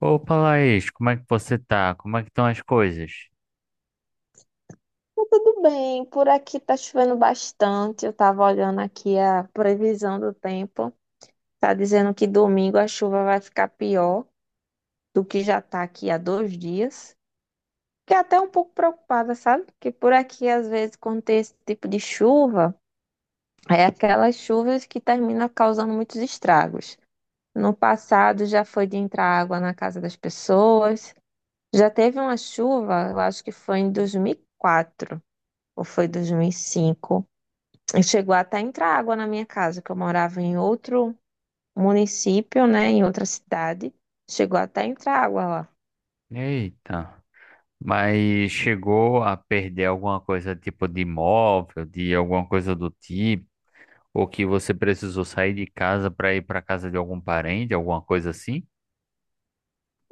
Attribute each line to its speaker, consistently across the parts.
Speaker 1: Opa, Laís, como é que você tá? Como é que estão as coisas?
Speaker 2: Tá tudo bem, por aqui tá chovendo bastante. Eu tava olhando aqui a previsão do tempo. Tá dizendo que domingo a chuva vai ficar pior do que já tá aqui há 2 dias. Fiquei até um pouco preocupada, sabe? Porque por aqui, às vezes, quando tem esse tipo de chuva, é aquelas chuvas que terminam causando muitos estragos. No passado já foi de entrar água na casa das pessoas. Já teve uma chuva, eu acho que foi em 2004 ou foi 2005 e Chegou até a entrar água na minha casa, que eu morava em outro município, né, em outra cidade. Chegou até a entrar água lá.
Speaker 1: Eita, mas chegou a perder alguma coisa tipo de imóvel, de alguma coisa do tipo, ou que você precisou sair de casa para ir para casa de algum parente, alguma coisa assim?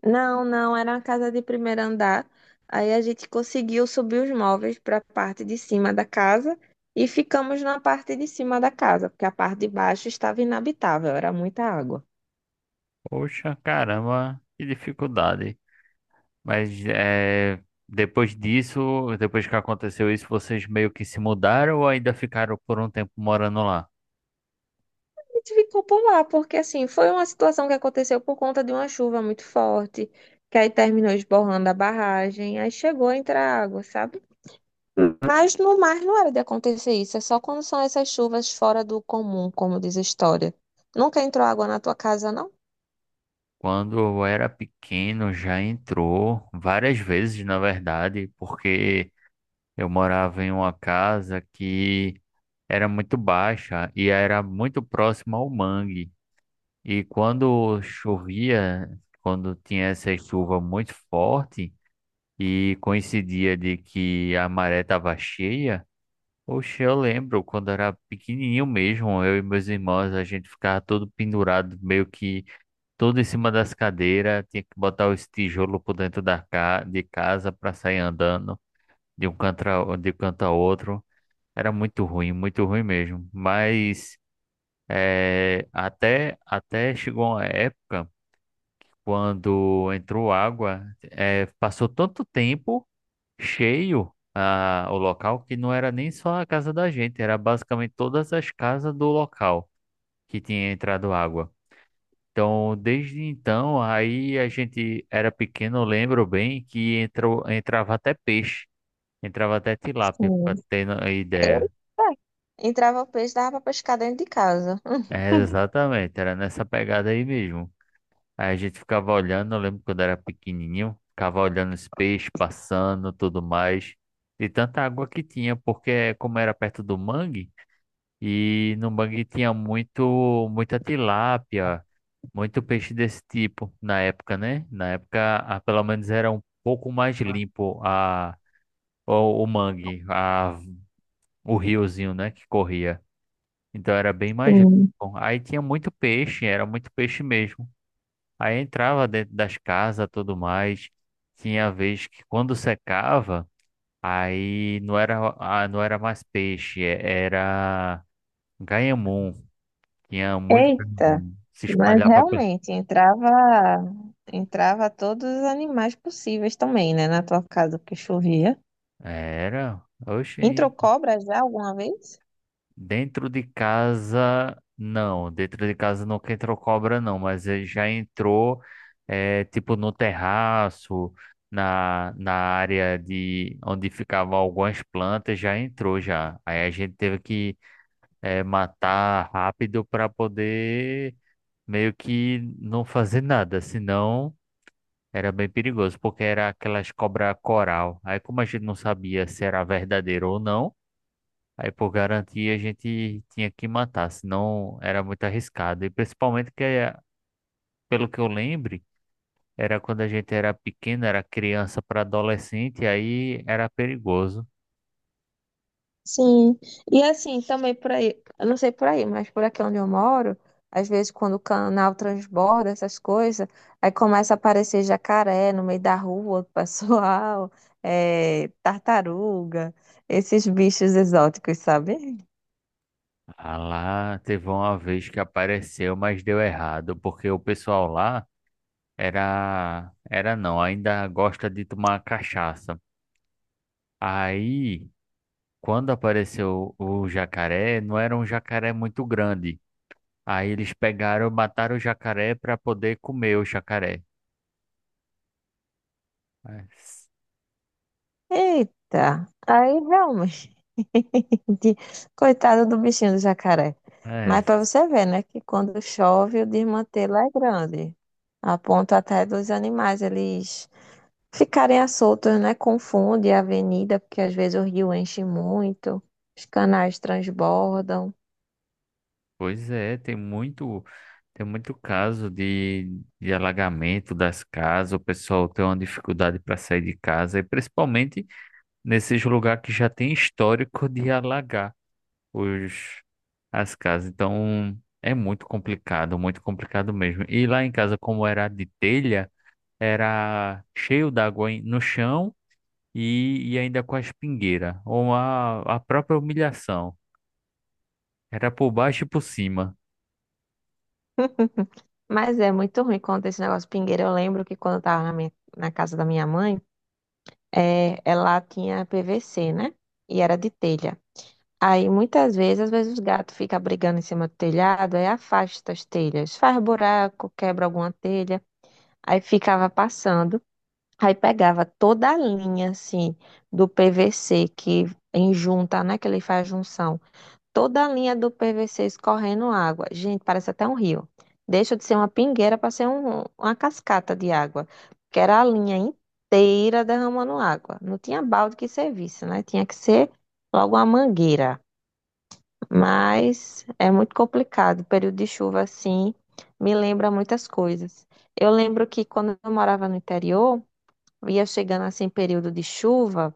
Speaker 2: Não, não, era uma casa de primeiro andar. Aí a gente conseguiu subir os móveis para a parte de cima da casa e ficamos na parte de cima da casa, porque a parte de baixo estava inabitável, era muita água.
Speaker 1: Poxa, caramba, que dificuldade. Mas é, depois disso, depois que aconteceu isso, vocês meio que se mudaram ou ainda ficaram por um tempo morando lá?
Speaker 2: A gente ficou por lá, porque assim, foi uma situação que aconteceu por conta de uma chuva muito forte, que aí terminou esborrando a barragem, aí chegou a entrar água, sabe? Mas no mar não era de acontecer isso, é só quando são essas chuvas fora do comum, como diz a história. Nunca entrou água na tua casa, não?
Speaker 1: Quando eu era pequeno, já entrou várias vezes, na verdade, porque eu morava em uma casa que era muito baixa e era muito próxima ao mangue. E quando chovia, quando tinha essa chuva muito forte e coincidia de que a maré estava cheia, oxe, eu lembro quando era pequenininho mesmo, eu e meus irmãos, a gente ficava todo pendurado, meio que tudo em cima das cadeiras, tinha que botar os tijolos por dentro de casa para sair andando de um canto de um canto a outro. Era muito ruim mesmo. Mas até chegou uma época quando entrou água, passou tanto tempo cheio o local que não era nem só a casa da gente, era basicamente todas as casas do local que tinha entrado água. Então, desde então, aí a gente era pequeno, eu lembro bem que entrava até peixe, entrava até tilápia,
Speaker 2: Sim.
Speaker 1: para ter a
Speaker 2: É.
Speaker 1: ideia.
Speaker 2: Entrava o peixe, dava pra pescar dentro de casa.
Speaker 1: É, exatamente, era nessa pegada aí mesmo. Aí a gente ficava olhando, eu lembro quando era pequenininho, ficava olhando os peixes passando, tudo mais, e tanta água que tinha, porque como era perto do mangue, e no mangue tinha muita tilápia, muito peixe desse tipo na época, né? Na época, pelo menos era um pouco mais o mangue, o riozinho, né, que corria. Então era bem mais
Speaker 2: Sim.
Speaker 1: limpo. Aí tinha muito peixe, era muito peixe mesmo. Aí entrava dentro das casas, tudo mais. Tinha vez que quando secava, aí não era, não era mais peixe, era ganhamum. Tinha muito
Speaker 2: Eita!
Speaker 1: pernilongo. Se
Speaker 2: Mas
Speaker 1: espalhava.
Speaker 2: realmente entrava todos os animais possíveis também, né? Na tua casa que chovia.
Speaker 1: Era.
Speaker 2: Entrou
Speaker 1: Oxi.
Speaker 2: cobra já alguma vez?
Speaker 1: Dentro de casa, não. Dentro de casa nunca entrou cobra, não. Mas ele já entrou, é, tipo, no terraço, na área de onde ficavam algumas plantas, já entrou já. Aí a gente teve que, é, matar rápido para poder meio que não fazer nada. Senão. Era bem perigoso, porque era aquelas cobra coral. Aí, como a gente não sabia se era verdadeiro ou não, aí por garantia a gente tinha que matar, senão era muito arriscado. E principalmente que, pelo que eu lembre, era quando a gente era pequeno, era criança para adolescente, aí era perigoso.
Speaker 2: Sim, e assim, também por aí, eu não sei por aí, mas por aqui onde eu moro, às vezes quando o canal transborda, essas coisas, aí começa a aparecer jacaré no meio da rua, do pessoal, é, tartaruga, esses bichos exóticos, sabe?
Speaker 1: Ah, lá teve uma vez que apareceu, mas deu errado, porque o pessoal lá era, era não, ainda gosta de tomar cachaça. Aí quando apareceu o jacaré, não era um jacaré muito grande. Aí eles pegaram, mataram o jacaré para poder comer o jacaré. É, s-
Speaker 2: Eita, aí realmente, coitado do bichinho do jacaré.
Speaker 1: é,
Speaker 2: Mas para
Speaker 1: s-
Speaker 2: você ver, né, que quando chove o desmantelo é grande, a ponto até dos animais, eles ficarem às soltas, né? Confunde a avenida, porque às vezes o rio enche muito, os canais transbordam.
Speaker 1: pois é, tem muito caso de alagamento das casas, o pessoal tem uma dificuldade para sair de casa, e principalmente nesses lugares que já tem histórico de alagar os, as casas. Então é muito complicado mesmo. E lá em casa, como era de telha, era cheio d'água no chão e ainda com a espingueira, ou a própria humilhação. Era por baixo e por cima.
Speaker 2: Mas é muito ruim quando esse negócio pingueira. Eu lembro que quando eu tava na casa da minha mãe, é, ela tinha PVC, né? E era de telha. Aí muitas vezes, às vezes os gatos ficam brigando em cima do telhado, aí afasta as telhas, faz buraco, quebra alguma telha, aí ficava passando. Aí pegava toda a linha, assim, do PVC que em junta, né? Que ele faz junção. Toda a linha do PVC escorrendo água. Gente, parece até um rio. Deixa de ser uma pingueira para ser uma cascata de água. Que era a linha inteira derramando água. Não tinha balde que servisse, né? Tinha que ser logo uma mangueira. Mas é muito complicado. o Período de chuva, assim, me lembra muitas coisas. Eu lembro que quando eu morava no interior, ia chegando assim período de chuva,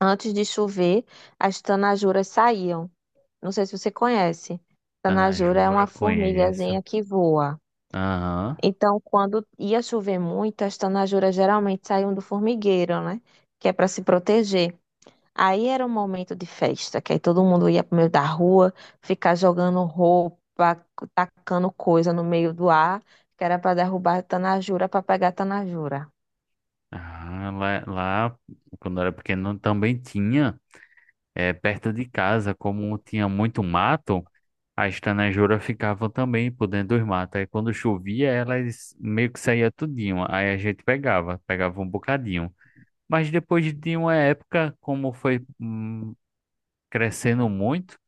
Speaker 2: antes de chover, as tanajuras saíam. Não sei se você conhece.
Speaker 1: Ah,
Speaker 2: Tanajura é uma
Speaker 1: jura, conheço.
Speaker 2: formigazinha que voa.
Speaker 1: Aham.
Speaker 2: Então, quando ia chover muito, as tanajuras geralmente saíam do formigueiro, né? Que é para se proteger. Aí era um momento de festa, que aí todo mundo ia pro meio da rua, ficar jogando roupa, tacando coisa no meio do ar, que era para derrubar a tanajura, para pegar a tanajura.
Speaker 1: Ah, lá, quando eu era pequeno, também tinha, é, perto de casa, como tinha muito mato, as tanajuras ficavam também por dentro dos matos. Aí quando chovia, elas meio que saía tudinho. Aí a gente pegava, pegava um bocadinho. Mas depois de uma época, como foi crescendo muito,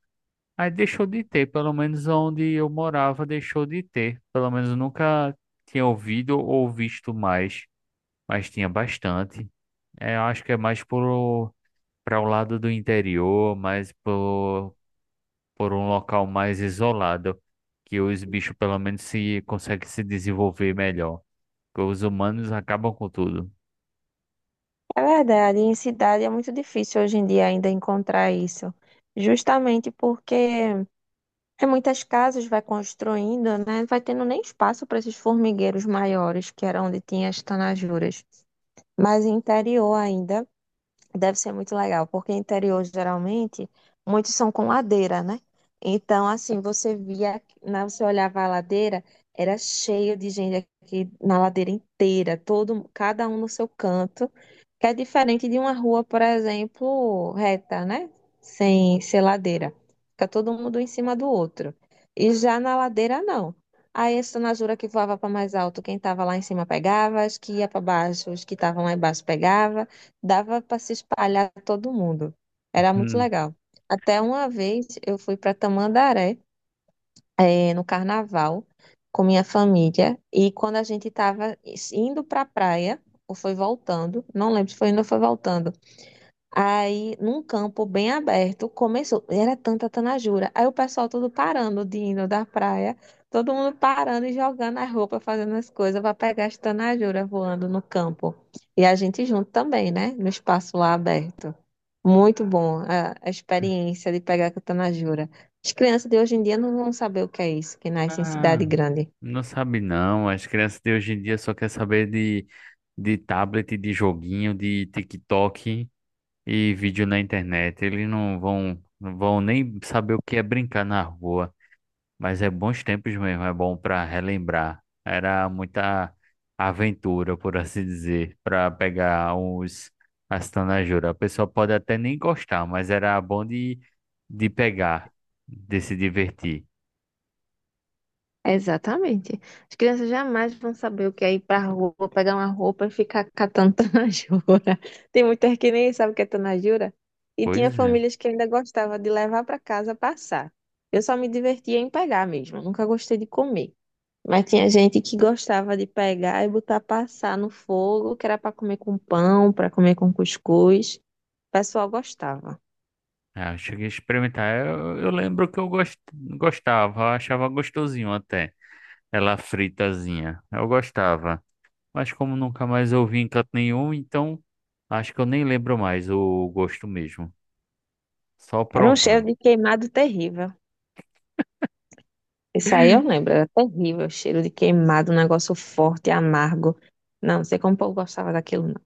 Speaker 1: aí deixou de ter, pelo menos onde eu morava, deixou de ter. Pelo menos eu nunca tinha ouvido ou visto mais, mas tinha bastante. É, eu acho que é para o lado do interior, por um local mais isolado, que os bichos pelo menos se conseguem se desenvolver melhor. Porque os humanos acabam com tudo.
Speaker 2: É verdade, em cidade é muito difícil hoje em dia ainda encontrar isso. Justamente porque em muitas casas vai construindo, né? Vai tendo nem espaço para esses formigueiros maiores, que era onde tinha as tanajuras. Mas interior ainda. Deve ser muito legal, porque interior geralmente muitos são com ladeira, né? Então, assim, você olhava a ladeira, era cheio de gente aqui na ladeira inteira, todo, cada um no seu canto, que é diferente de uma rua, por exemplo, reta, né? Sem ser ladeira. Fica todo mundo em cima do outro. E já na ladeira, não. Aí, essa na jura que voava para mais alto, quem estava lá em cima pegava, as que ia para baixo, os que estavam lá embaixo pegava dava para se espalhar todo mundo. Era muito
Speaker 1: Hum.
Speaker 2: legal. Até uma vez eu fui para Tamandaré, no carnaval, com minha família, e quando a gente estava indo para a praia, ou foi voltando, não lembro se foi indo ou foi voltando. Aí, num campo bem aberto, começou. Era tanta tanajura. Aí o pessoal todo parando de indo da praia, todo mundo parando e jogando as roupas, fazendo as coisas para pegar as tanajuras voando no campo. E a gente junto também, né? No espaço lá aberto. Muito bom a experiência de pegar com tanajura. As crianças de hoje em dia não vão saber o que é isso, que nasce em cidade
Speaker 1: Ah,
Speaker 2: grande.
Speaker 1: não sabe não. As crianças de hoje em dia só quer saber de tablet, de joguinho, de TikTok e vídeo na internet. Eles não vão nem saber o que é brincar na rua. Mas é bons tempos mesmo, é bom para relembrar. Era muita aventura, por assim dizer, para pegar os as tanajuras. A pessoa pode até nem gostar, mas era bom de pegar, de se divertir.
Speaker 2: Exatamente. As crianças jamais vão saber o que é ir pra rua, pegar uma roupa e ficar catando tanajura. Tem muitas que nem sabem o que é tanajura. E
Speaker 1: Pois
Speaker 2: tinha
Speaker 1: é.
Speaker 2: famílias que ainda gostava de levar para casa passar. Eu só me divertia em pegar mesmo, eu nunca gostei de comer. Mas tinha gente que gostava de pegar e botar passar no fogo, que era para comer com pão, para comer com cuscuz. O pessoal gostava.
Speaker 1: Ah, eu cheguei a experimentar. Eu lembro que eu gostava, eu achava gostosinho até. Ela fritazinha. Eu gostava. Mas como nunca mais eu vi em canto nenhum, então acho que eu nem lembro mais o gosto mesmo. Só
Speaker 2: Era um
Speaker 1: provando.
Speaker 2: cheiro de queimado terrível. Isso aí eu lembro, era terrível, cheiro de queimado, um negócio forte, amargo. Não, não sei como o povo gostava daquilo, não.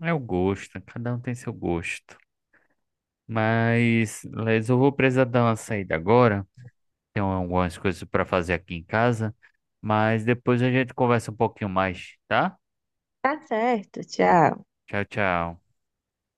Speaker 1: É o gosto, cada um tem seu gosto. Mas, Les, eu vou precisar dar uma saída agora. Tenho algumas coisas para fazer aqui em casa. Mas depois a gente conversa um pouquinho mais, tá?
Speaker 2: Tá certo, tchau.
Speaker 1: Tchau, tchau.